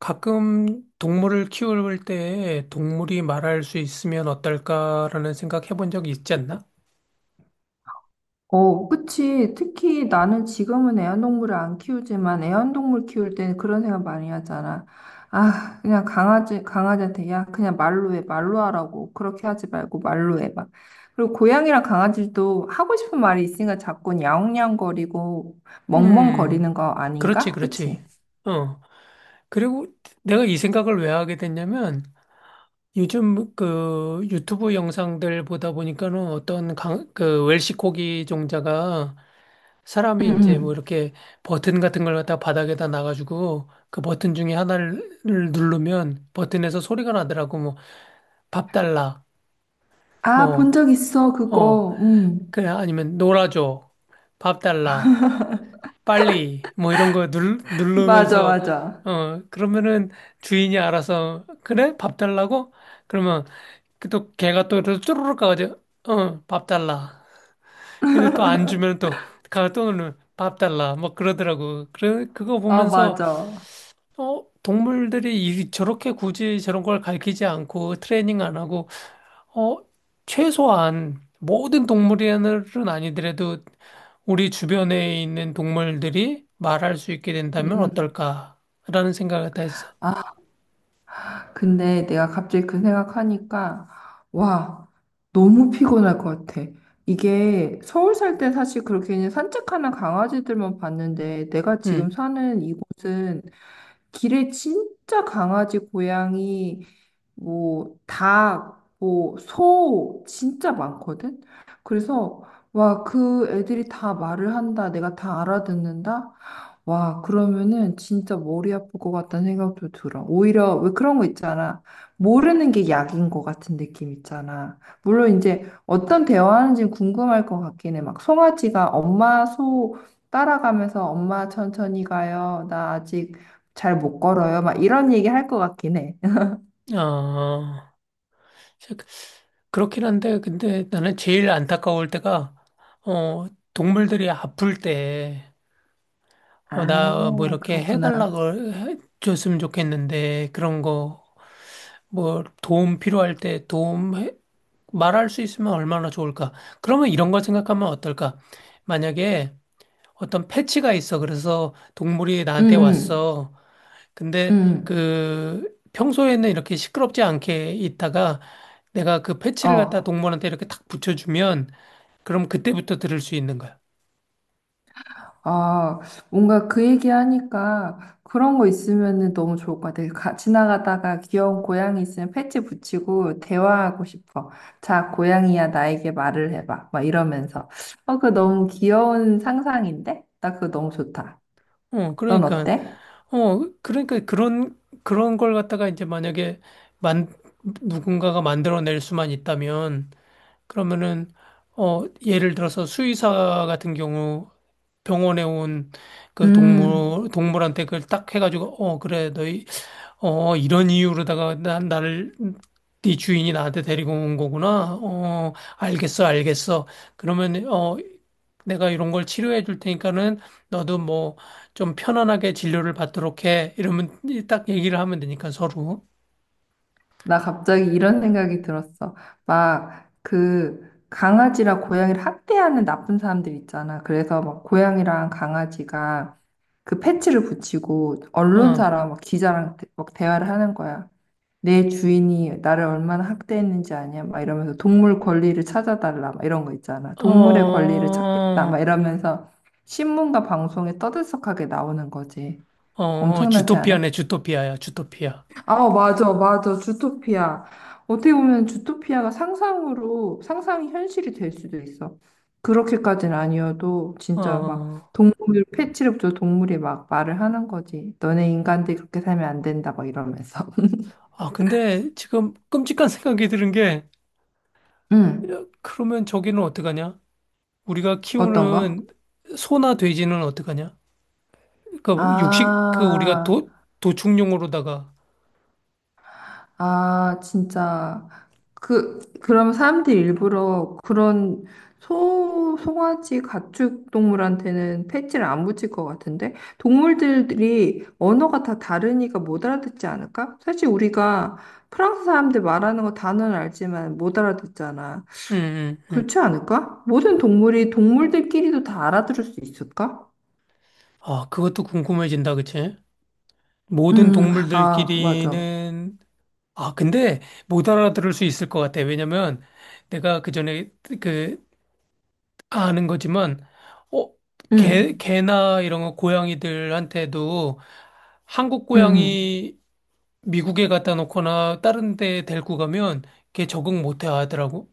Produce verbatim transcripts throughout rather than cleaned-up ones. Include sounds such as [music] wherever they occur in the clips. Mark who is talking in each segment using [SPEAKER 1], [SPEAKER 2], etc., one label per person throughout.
[SPEAKER 1] 가끔 동물을 키울 때 동물이 말할 수 있으면 어떨까라는 생각 해본 적 있지 않나?
[SPEAKER 2] 어, 그치. 특히 나는 지금은 애완동물을 안 키우지만 애완동물 키울 때는 그런 생각 많이 하잖아. 아, 그냥 강아지, 강아지한테, 야, 그냥 말로 해, 말로 하라고. 그렇게 하지 말고 말로 해, 봐. 그리고 고양이랑 강아지도 하고 싶은 말이 있으니까 자꾸 야옹야옹거리고
[SPEAKER 1] 음,
[SPEAKER 2] 멍멍거리는 거
[SPEAKER 1] 그렇지,
[SPEAKER 2] 아닌가?
[SPEAKER 1] 그렇지.
[SPEAKER 2] 그치?
[SPEAKER 1] 어. 그리고 내가 이 생각을 왜 하게 됐냐면 요즘 그 유튜브 영상들 보다 보니까는 어떤 강, 그 웰시코기 종자가
[SPEAKER 2] 응,
[SPEAKER 1] 사람이 이제 뭐
[SPEAKER 2] 응.
[SPEAKER 1] 이렇게 버튼 같은 걸 갖다 바닥에다 놔가지고 그 버튼 중에 하나를 누르면 버튼에서 소리가 나더라고. 뭐 밥 달라.
[SPEAKER 2] 아, 본
[SPEAKER 1] 뭐
[SPEAKER 2] 적 있어,
[SPEAKER 1] 어
[SPEAKER 2] 그거. 응.
[SPEAKER 1] 그래, 아니면 놀아줘. 밥 달라. 빨리. 뭐 이런 거 눌,
[SPEAKER 2] [laughs] 맞아,
[SPEAKER 1] 누르면서,
[SPEAKER 2] 맞아.
[SPEAKER 1] 어, 그러면은 주인이 알아서, 그래? 밥 달라고? 그러면 그또 걔가 또 이렇게 쪼르륵 가가지고, 어, 밥 달라. 근데 또 안 주면 또, 가또 오늘 밥 달라. 뭐 그러더라고. 그래, 그거
[SPEAKER 2] 아,
[SPEAKER 1] 보면서,
[SPEAKER 2] 맞아.
[SPEAKER 1] 어, 동물들이 이- 저렇게 굳이 저런 걸 가르치지 않고 트레이닝 안 하고 어, 최소한 모든 동물은 아니더라도 우리 주변에 있는 동물들이 말할 수 있게
[SPEAKER 2] 응,
[SPEAKER 1] 된다면
[SPEAKER 2] 응.
[SPEAKER 1] 어떨까라는 생각을 다 했어.
[SPEAKER 2] 아, 근데 내가 갑자기 그 생각하니까, 와, 너무 피곤할 것 같아. 이게 서울 살 때 사실 그렇게 그냥 산책하는 강아지들만 봤는데, 내가 지금
[SPEAKER 1] 음,
[SPEAKER 2] 사는 이곳은 길에 진짜 강아지, 고양이, 뭐, 닭, 뭐, 소 진짜 많거든? 그래서, 와, 그 애들이 다 말을 한다. 내가 다 알아듣는다. 와, 그러면은 진짜 머리 아플 것 같다는 생각도 들어. 오히려 왜 그런 거 있잖아. 모르는 게 약인 것 같은 느낌 있잖아. 물론 이제 어떤 대화하는지 궁금할 것 같긴 해. 막 송아지가 엄마 소 따라가면서 엄마 천천히 가요. 나 아직 잘 못 걸어요. 막 이런 얘기 할 것 같긴 해. [laughs]
[SPEAKER 1] 어, 그렇긴 한데, 근데 나는 제일 안타까울 때가, 어, 동물들이 아플 때, 어,
[SPEAKER 2] 아,
[SPEAKER 1] 나 뭐 이렇게
[SPEAKER 2] 그렇구나.
[SPEAKER 1] 해달라고 해- 줬으면 좋겠는데, 그런 거, 뭐 도움 필요할 때 도움 해- 말할 수 있으면 얼마나 좋을까? 그러면 이런 걸 생각하면 어떨까? 만약에 어떤 패치가 있어. 그래서 동물이
[SPEAKER 2] 응,
[SPEAKER 1] 나한테
[SPEAKER 2] 응,
[SPEAKER 1] 왔어. 근데
[SPEAKER 2] 응.
[SPEAKER 1] 그 평소에는 이렇게 시끄럽지 않게 있다가 내가 그 패치를 갖다
[SPEAKER 2] 어.
[SPEAKER 1] 동물한테 이렇게 탁 붙여주면 그럼 그때부터 들을 수 있는 거야.
[SPEAKER 2] 아, 뭔가 그 얘기하니까 그런 거 있으면 너무 좋을 것 같아. 가, 지나가다가 귀여운 고양이 있으면 패치 붙이고 대화하고 싶어. 자, 고양이야, 나에게 말을 해봐. 막 이러면서. 어, 그거 너무 귀여운 상상인데? 나 그거 너무 좋다.
[SPEAKER 1] 어,
[SPEAKER 2] 넌
[SPEAKER 1] 그러니까,
[SPEAKER 2] 어때?
[SPEAKER 1] 어, 그러니까 그런, 그런 걸 갖다가 이제 만약에 만, 누군가가 만들어낼 수만 있다면 그러면은 어 예를 들어서 수의사 같은 경우 병원에 온 그
[SPEAKER 2] 음.
[SPEAKER 1] 동물 동물한테 그걸 딱 해가지고 어 그래 너희 어 이런 이유로다가 난 나를 네 주인이 나한테 데리고 온 거구나. 어 알겠어 알겠어. 그러면 어 내가 이런 걸 치료해 줄 테니까는 너도 뭐 좀 편안하게 진료를 받도록 해. 이러면 딱 얘기를 하면 되니까 서로
[SPEAKER 2] 나 갑자기 이런 생각이 들었어. 막 그 강아지랑 고양이를 학대하는 나쁜 사람들 있잖아. 그래서 막 고양이랑 강아지가 그 패치를 붙이고
[SPEAKER 1] 어
[SPEAKER 2] 언론사랑 막 기자랑 대- 막 대화를 하는 거야. 내 주인이 나를 얼마나 학대했는지 아냐? 막 이러면서 동물 권리를 찾아달라. 막 이런 거 있잖아. 동물의 권리를 찾겠다. 막
[SPEAKER 1] 어.
[SPEAKER 2] 이러면서 신문과 방송에 떠들썩하게 나오는 거지.
[SPEAKER 1] 어, 어,
[SPEAKER 2] 엄청나지 않아?
[SPEAKER 1] 주토피아네, 주토피아야, 주토피아.
[SPEAKER 2] 아, 맞아, 맞아. 주토피아. 어떻게 보면 주토피아가 상상으로, 상상이 현실이 될 수도 있어. 그렇게까지는 아니어도,
[SPEAKER 1] 어,
[SPEAKER 2] 진짜 막,
[SPEAKER 1] 어.
[SPEAKER 2] 동물, 패치력조 동물이 막 말을 하는 거지. 너네 인간들 그렇게 살면 안 된다, 막 이러면서. [laughs]
[SPEAKER 1] 아, 근데 지금 끔찍한 [laughs] 생각이 드는 게,
[SPEAKER 2] 응,
[SPEAKER 1] 야, 그러면 저기는 어떡하냐? 우리가
[SPEAKER 2] 어떤 거?
[SPEAKER 1] 키우는 소나 돼지는 어떡하냐? 그 육식, 그 우리가
[SPEAKER 2] 아,
[SPEAKER 1] 도, 도축용으로다가,
[SPEAKER 2] 아, 진짜. 그, 그럼 사람들이 일부러 그런 소, 송아지 가축 동물한테는 패치를 안 붙일 것 같은데? 동물들이 언어가 다 다르니까 못 알아듣지 않을까? 사실 우리가 프랑스 사람들 말하는 거 단어는 알지만 못 알아듣잖아.
[SPEAKER 1] 음, 음, 음.
[SPEAKER 2] 그렇지 않을까? 모든 동물이 동물들끼리도 다 알아들을 수 있을까?
[SPEAKER 1] 아, 그것도 궁금해진다, 그치? 모든
[SPEAKER 2] 음, 아, 맞아.
[SPEAKER 1] 동물들끼리는, 아, 근데 못 알아들을 수 있을 것 같아. 왜냐면 내가 그 전에 그 아는 거지만, 어, 개,
[SPEAKER 2] 음,
[SPEAKER 1] 개나 이런 거 고양이들한테도 한국
[SPEAKER 2] 음. 음.
[SPEAKER 1] 고양이 미국에 갖다 놓거나 다른 데 데리고 가면 걔 적응 못 하더라고.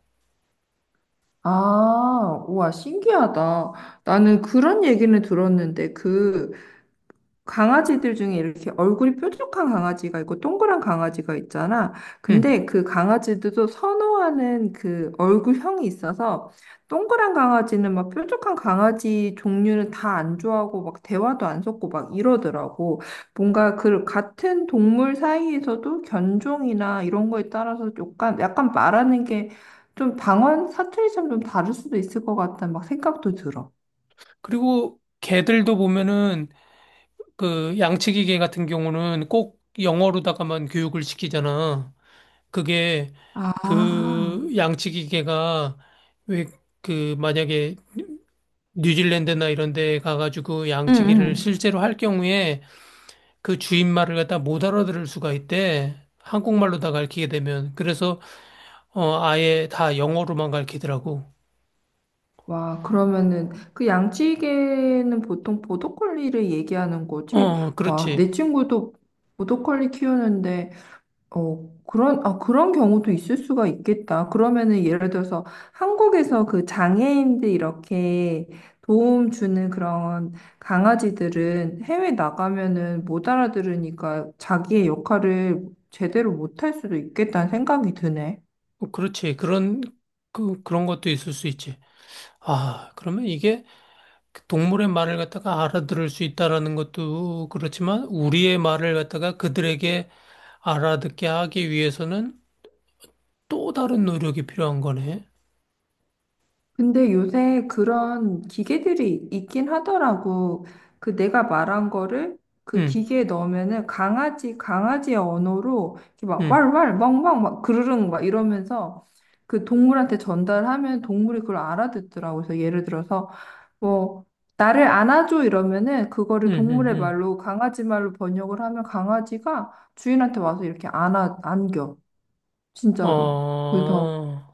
[SPEAKER 2] 아, 우와, 신기하다. 나는 그런 얘기는 들었는데, 그, 강아지들 중에 이렇게 얼굴이 뾰족한 강아지가 있고 동그란 강아지가 있잖아.
[SPEAKER 1] 응.
[SPEAKER 2] 근데 그 강아지들도 선호하는 그 얼굴형이 있어서 동그란 강아지는 막 뾰족한 강아지 종류는 다 안 좋아하고 막 대화도 안 섞고 막 이러더라고. 뭔가 그 같은 동물 사이에서도 견종이나 이런 거에 따라서 약간 약간 말하는 게 좀 방언 사투리처럼 좀 다를 수도 있을 것 같다는 막 생각도 들어.
[SPEAKER 1] 그리고 개들도 보면은 그 양치기 개 같은 경우는 꼭 영어로다가만 교육을 시키잖아. 그게
[SPEAKER 2] 아,
[SPEAKER 1] 그 양치기 개가 왜 그 만약에 뉴질랜드나 이런 데 가가지고
[SPEAKER 2] 응,
[SPEAKER 1] 양치기를
[SPEAKER 2] 응.
[SPEAKER 1] 실제로 할 경우에 그 주인 말을 갖다 못 알아들을 수가 있대. 한국말로 다 가르치게 되면. 그래서, 어, 아예 다 영어로만 가르치더라고.
[SPEAKER 2] 와, 그러면은 그 양치기는 보통 보더콜리를 얘기하는 거지?
[SPEAKER 1] 어,
[SPEAKER 2] 와, 내
[SPEAKER 1] 그렇지.
[SPEAKER 2] 친구도 보더콜리 키우는데 어, 그런 아, 그런 경우도 있을 수가 있겠다. 그러면은 예를 들어서 한국에서 그 장애인들 이렇게 도움 주는 그런 강아지들은 해외 나가면은 못 알아들으니까 자기의 역할을 제대로 못할 수도 있겠다는 생각이 드네.
[SPEAKER 1] 어, 그렇지. 그런, 그, 그런 것도 있을 수 있지. 아, 그러면 이게 그 동물의 말을 갖다가 알아들을 수 있다라는 것도 그렇지만, 우리의 말을 갖다가 그들에게 알아듣게 하기 위해서는 또 다른 노력이 필요한 거네.
[SPEAKER 2] 근데 요새 그런 기계들이 있긴 하더라고. 그 내가 말한 거를 그
[SPEAKER 1] 응,
[SPEAKER 2] 기계에 넣으면은 강아지, 강아지의 언어로 이렇게 막
[SPEAKER 1] 응,
[SPEAKER 2] 왈왈, 멍멍, 막 그르릉 막 이러면서 그 동물한테 전달하면 동물이 그걸 알아듣더라고. 그래서 예를 들어서 뭐 나를 안아줘 이러면은
[SPEAKER 1] 응,
[SPEAKER 2] 그거를
[SPEAKER 1] 응,
[SPEAKER 2] 동물의
[SPEAKER 1] 응.
[SPEAKER 2] 말로 강아지 말로 번역을 하면 강아지가 주인한테 와서 이렇게 안아, 안겨. 진짜로. 그래서
[SPEAKER 1] 어,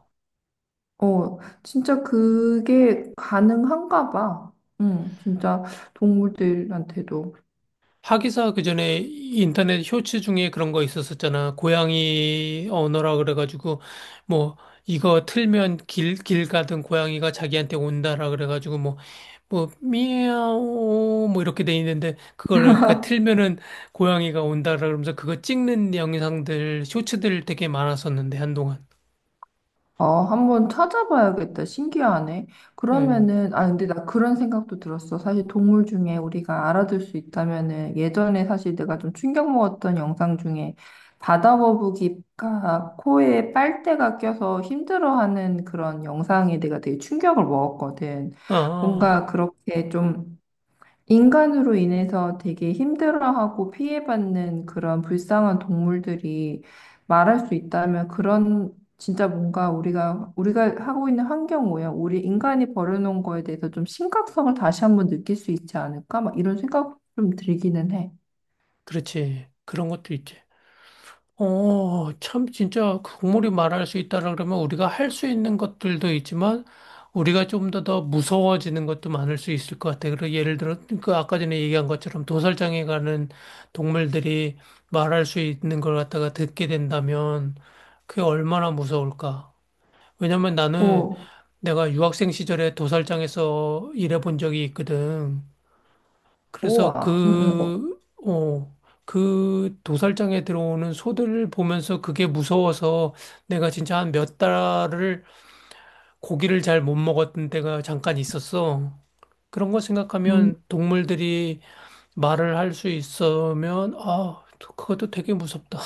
[SPEAKER 2] 어, 진짜 그게 가능한가 봐. 응, 진짜 동물들한테도.
[SPEAKER 1] 하기사 그 전에 인터넷 쇼츠 중에 그런 거 있었었잖아. 고양이 언어라 그래가지고 뭐 이거 틀면 길, 길 가던 고양이가 자기한테 온다라 그래가지고 뭐 뭐 미야오 뭐 이렇게 돼 있는데 그거를 그러니까 틀면은 고양이가 온다라 그러면서 그거 찍는 영상들 쇼츠들 되게 많았었는데 한동안.
[SPEAKER 2] 어, 한번 찾아봐야겠다. 신기하네.
[SPEAKER 1] 응.
[SPEAKER 2] 그러면은, 아, 근데 나 그런 생각도 들었어. 사실 동물 중에 우리가 알아둘 수 있다면은, 예전에 사실 내가 좀 충격 먹었던 영상 중에 바다 거북이가 코에 빨대가 껴서 힘들어하는 그런 영상에 내가 되게 충격을 먹었거든.
[SPEAKER 1] 아, 아,
[SPEAKER 2] 뭔가
[SPEAKER 1] 아.
[SPEAKER 2] 그렇게 좀 인간으로 인해서 되게 힘들어하고 피해받는 그런 불쌍한 동물들이 말할 수 있다면 그런 진짜 뭔가 우리가 우리가 하고 있는 환경 오염, 우리 인간이 벌여놓은 거에 대해서 좀 심각성을 다시 한번 느낄 수 있지 않을까? 막 이런 생각 좀 들기는 해.
[SPEAKER 1] 그렇지. 그런 것도 있지. 어, 참, 진짜 그 국물이 말할 수 있다라 그러면 우리가 할 수 있는 것들도 있지만 우리가 좀 더 더 무서워지는 것도 많을 수 있을 것 같아. 그리고 예를 들어, 그 아까 전에 얘기한 것처럼 도살장에 가는 동물들이 말할 수 있는 걸 갖다가 듣게 된다면 그게 얼마나 무서울까. 왜냐면 나는
[SPEAKER 2] 오,
[SPEAKER 1] 내가 유학생 시절에 도살장에서 일해 본 적이 있거든. 그래서
[SPEAKER 2] 우와. 음, 음, 어,
[SPEAKER 1] 그, 어, 그 도살장에 들어오는 소들을 보면서 그게 무서워서 내가 진짜 한 몇 달을 고기를 잘 못 먹었던 때가 잠깐 있었어. 그런 거
[SPEAKER 2] 음.
[SPEAKER 1] 생각하면 동물들이 말을 할 수 있으면, 아, 그것도 되게 무섭다.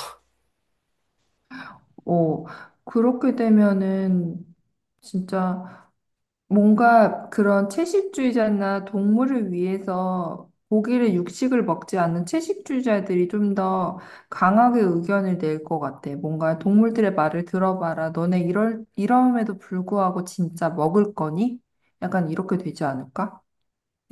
[SPEAKER 2] 오. 그렇게 되면은 진짜 뭔가 그런 채식주의자나 동물을 위해서 고기를 육식을 먹지 않는 채식주의자들이 좀 더 강하게 의견을 낼 것 같아. 뭔가 동물들의 말을 들어봐라. 너네 이럴, 이러함에도 불구하고 진짜 먹을 거니? 약간 이렇게 되지 않을까?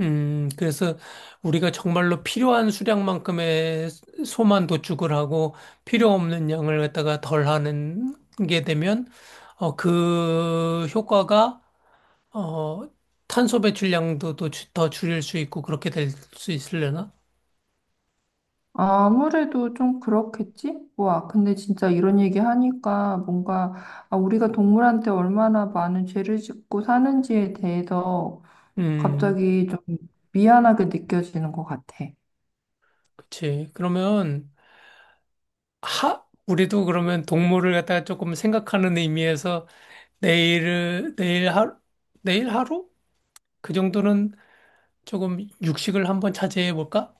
[SPEAKER 1] 음, 그래서 우리가 정말로 필요한 수량만큼의 소만 도축을 하고 필요 없는 양을 갖다가 덜 하는 게 되면 어, 그 효과가 어, 탄소 배출량도 또 주- 더 줄일 수 있고 그렇게 될 수 있으려나?
[SPEAKER 2] 아무래도 좀 그렇겠지? 와, 근데 진짜 이런 얘기 하니까 뭔가 아, 우리가 동물한테 얼마나 많은 죄를 짓고 사는지에 대해서
[SPEAKER 1] 음,
[SPEAKER 2] 갑자기 좀 미안하게 느껴지는 것 같아.
[SPEAKER 1] 그치. 그러면 하 우리도 그러면 동물을 갖다가 조금 생각하는 의미에서 내일을 내일 하루 내일 하루 그 정도는 조금 육식을 한번 자제해 볼까?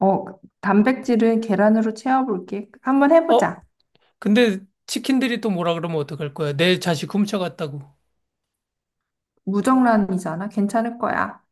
[SPEAKER 2] 어, 단백질은 계란으로 채워볼게. 한번
[SPEAKER 1] 어?
[SPEAKER 2] 해보자.
[SPEAKER 1] 근데 치킨들이 또 뭐라 그러면 어떡할 거야? 내 자식 훔쳐갔다고.
[SPEAKER 2] 무정란이잖아. 괜찮을 거야.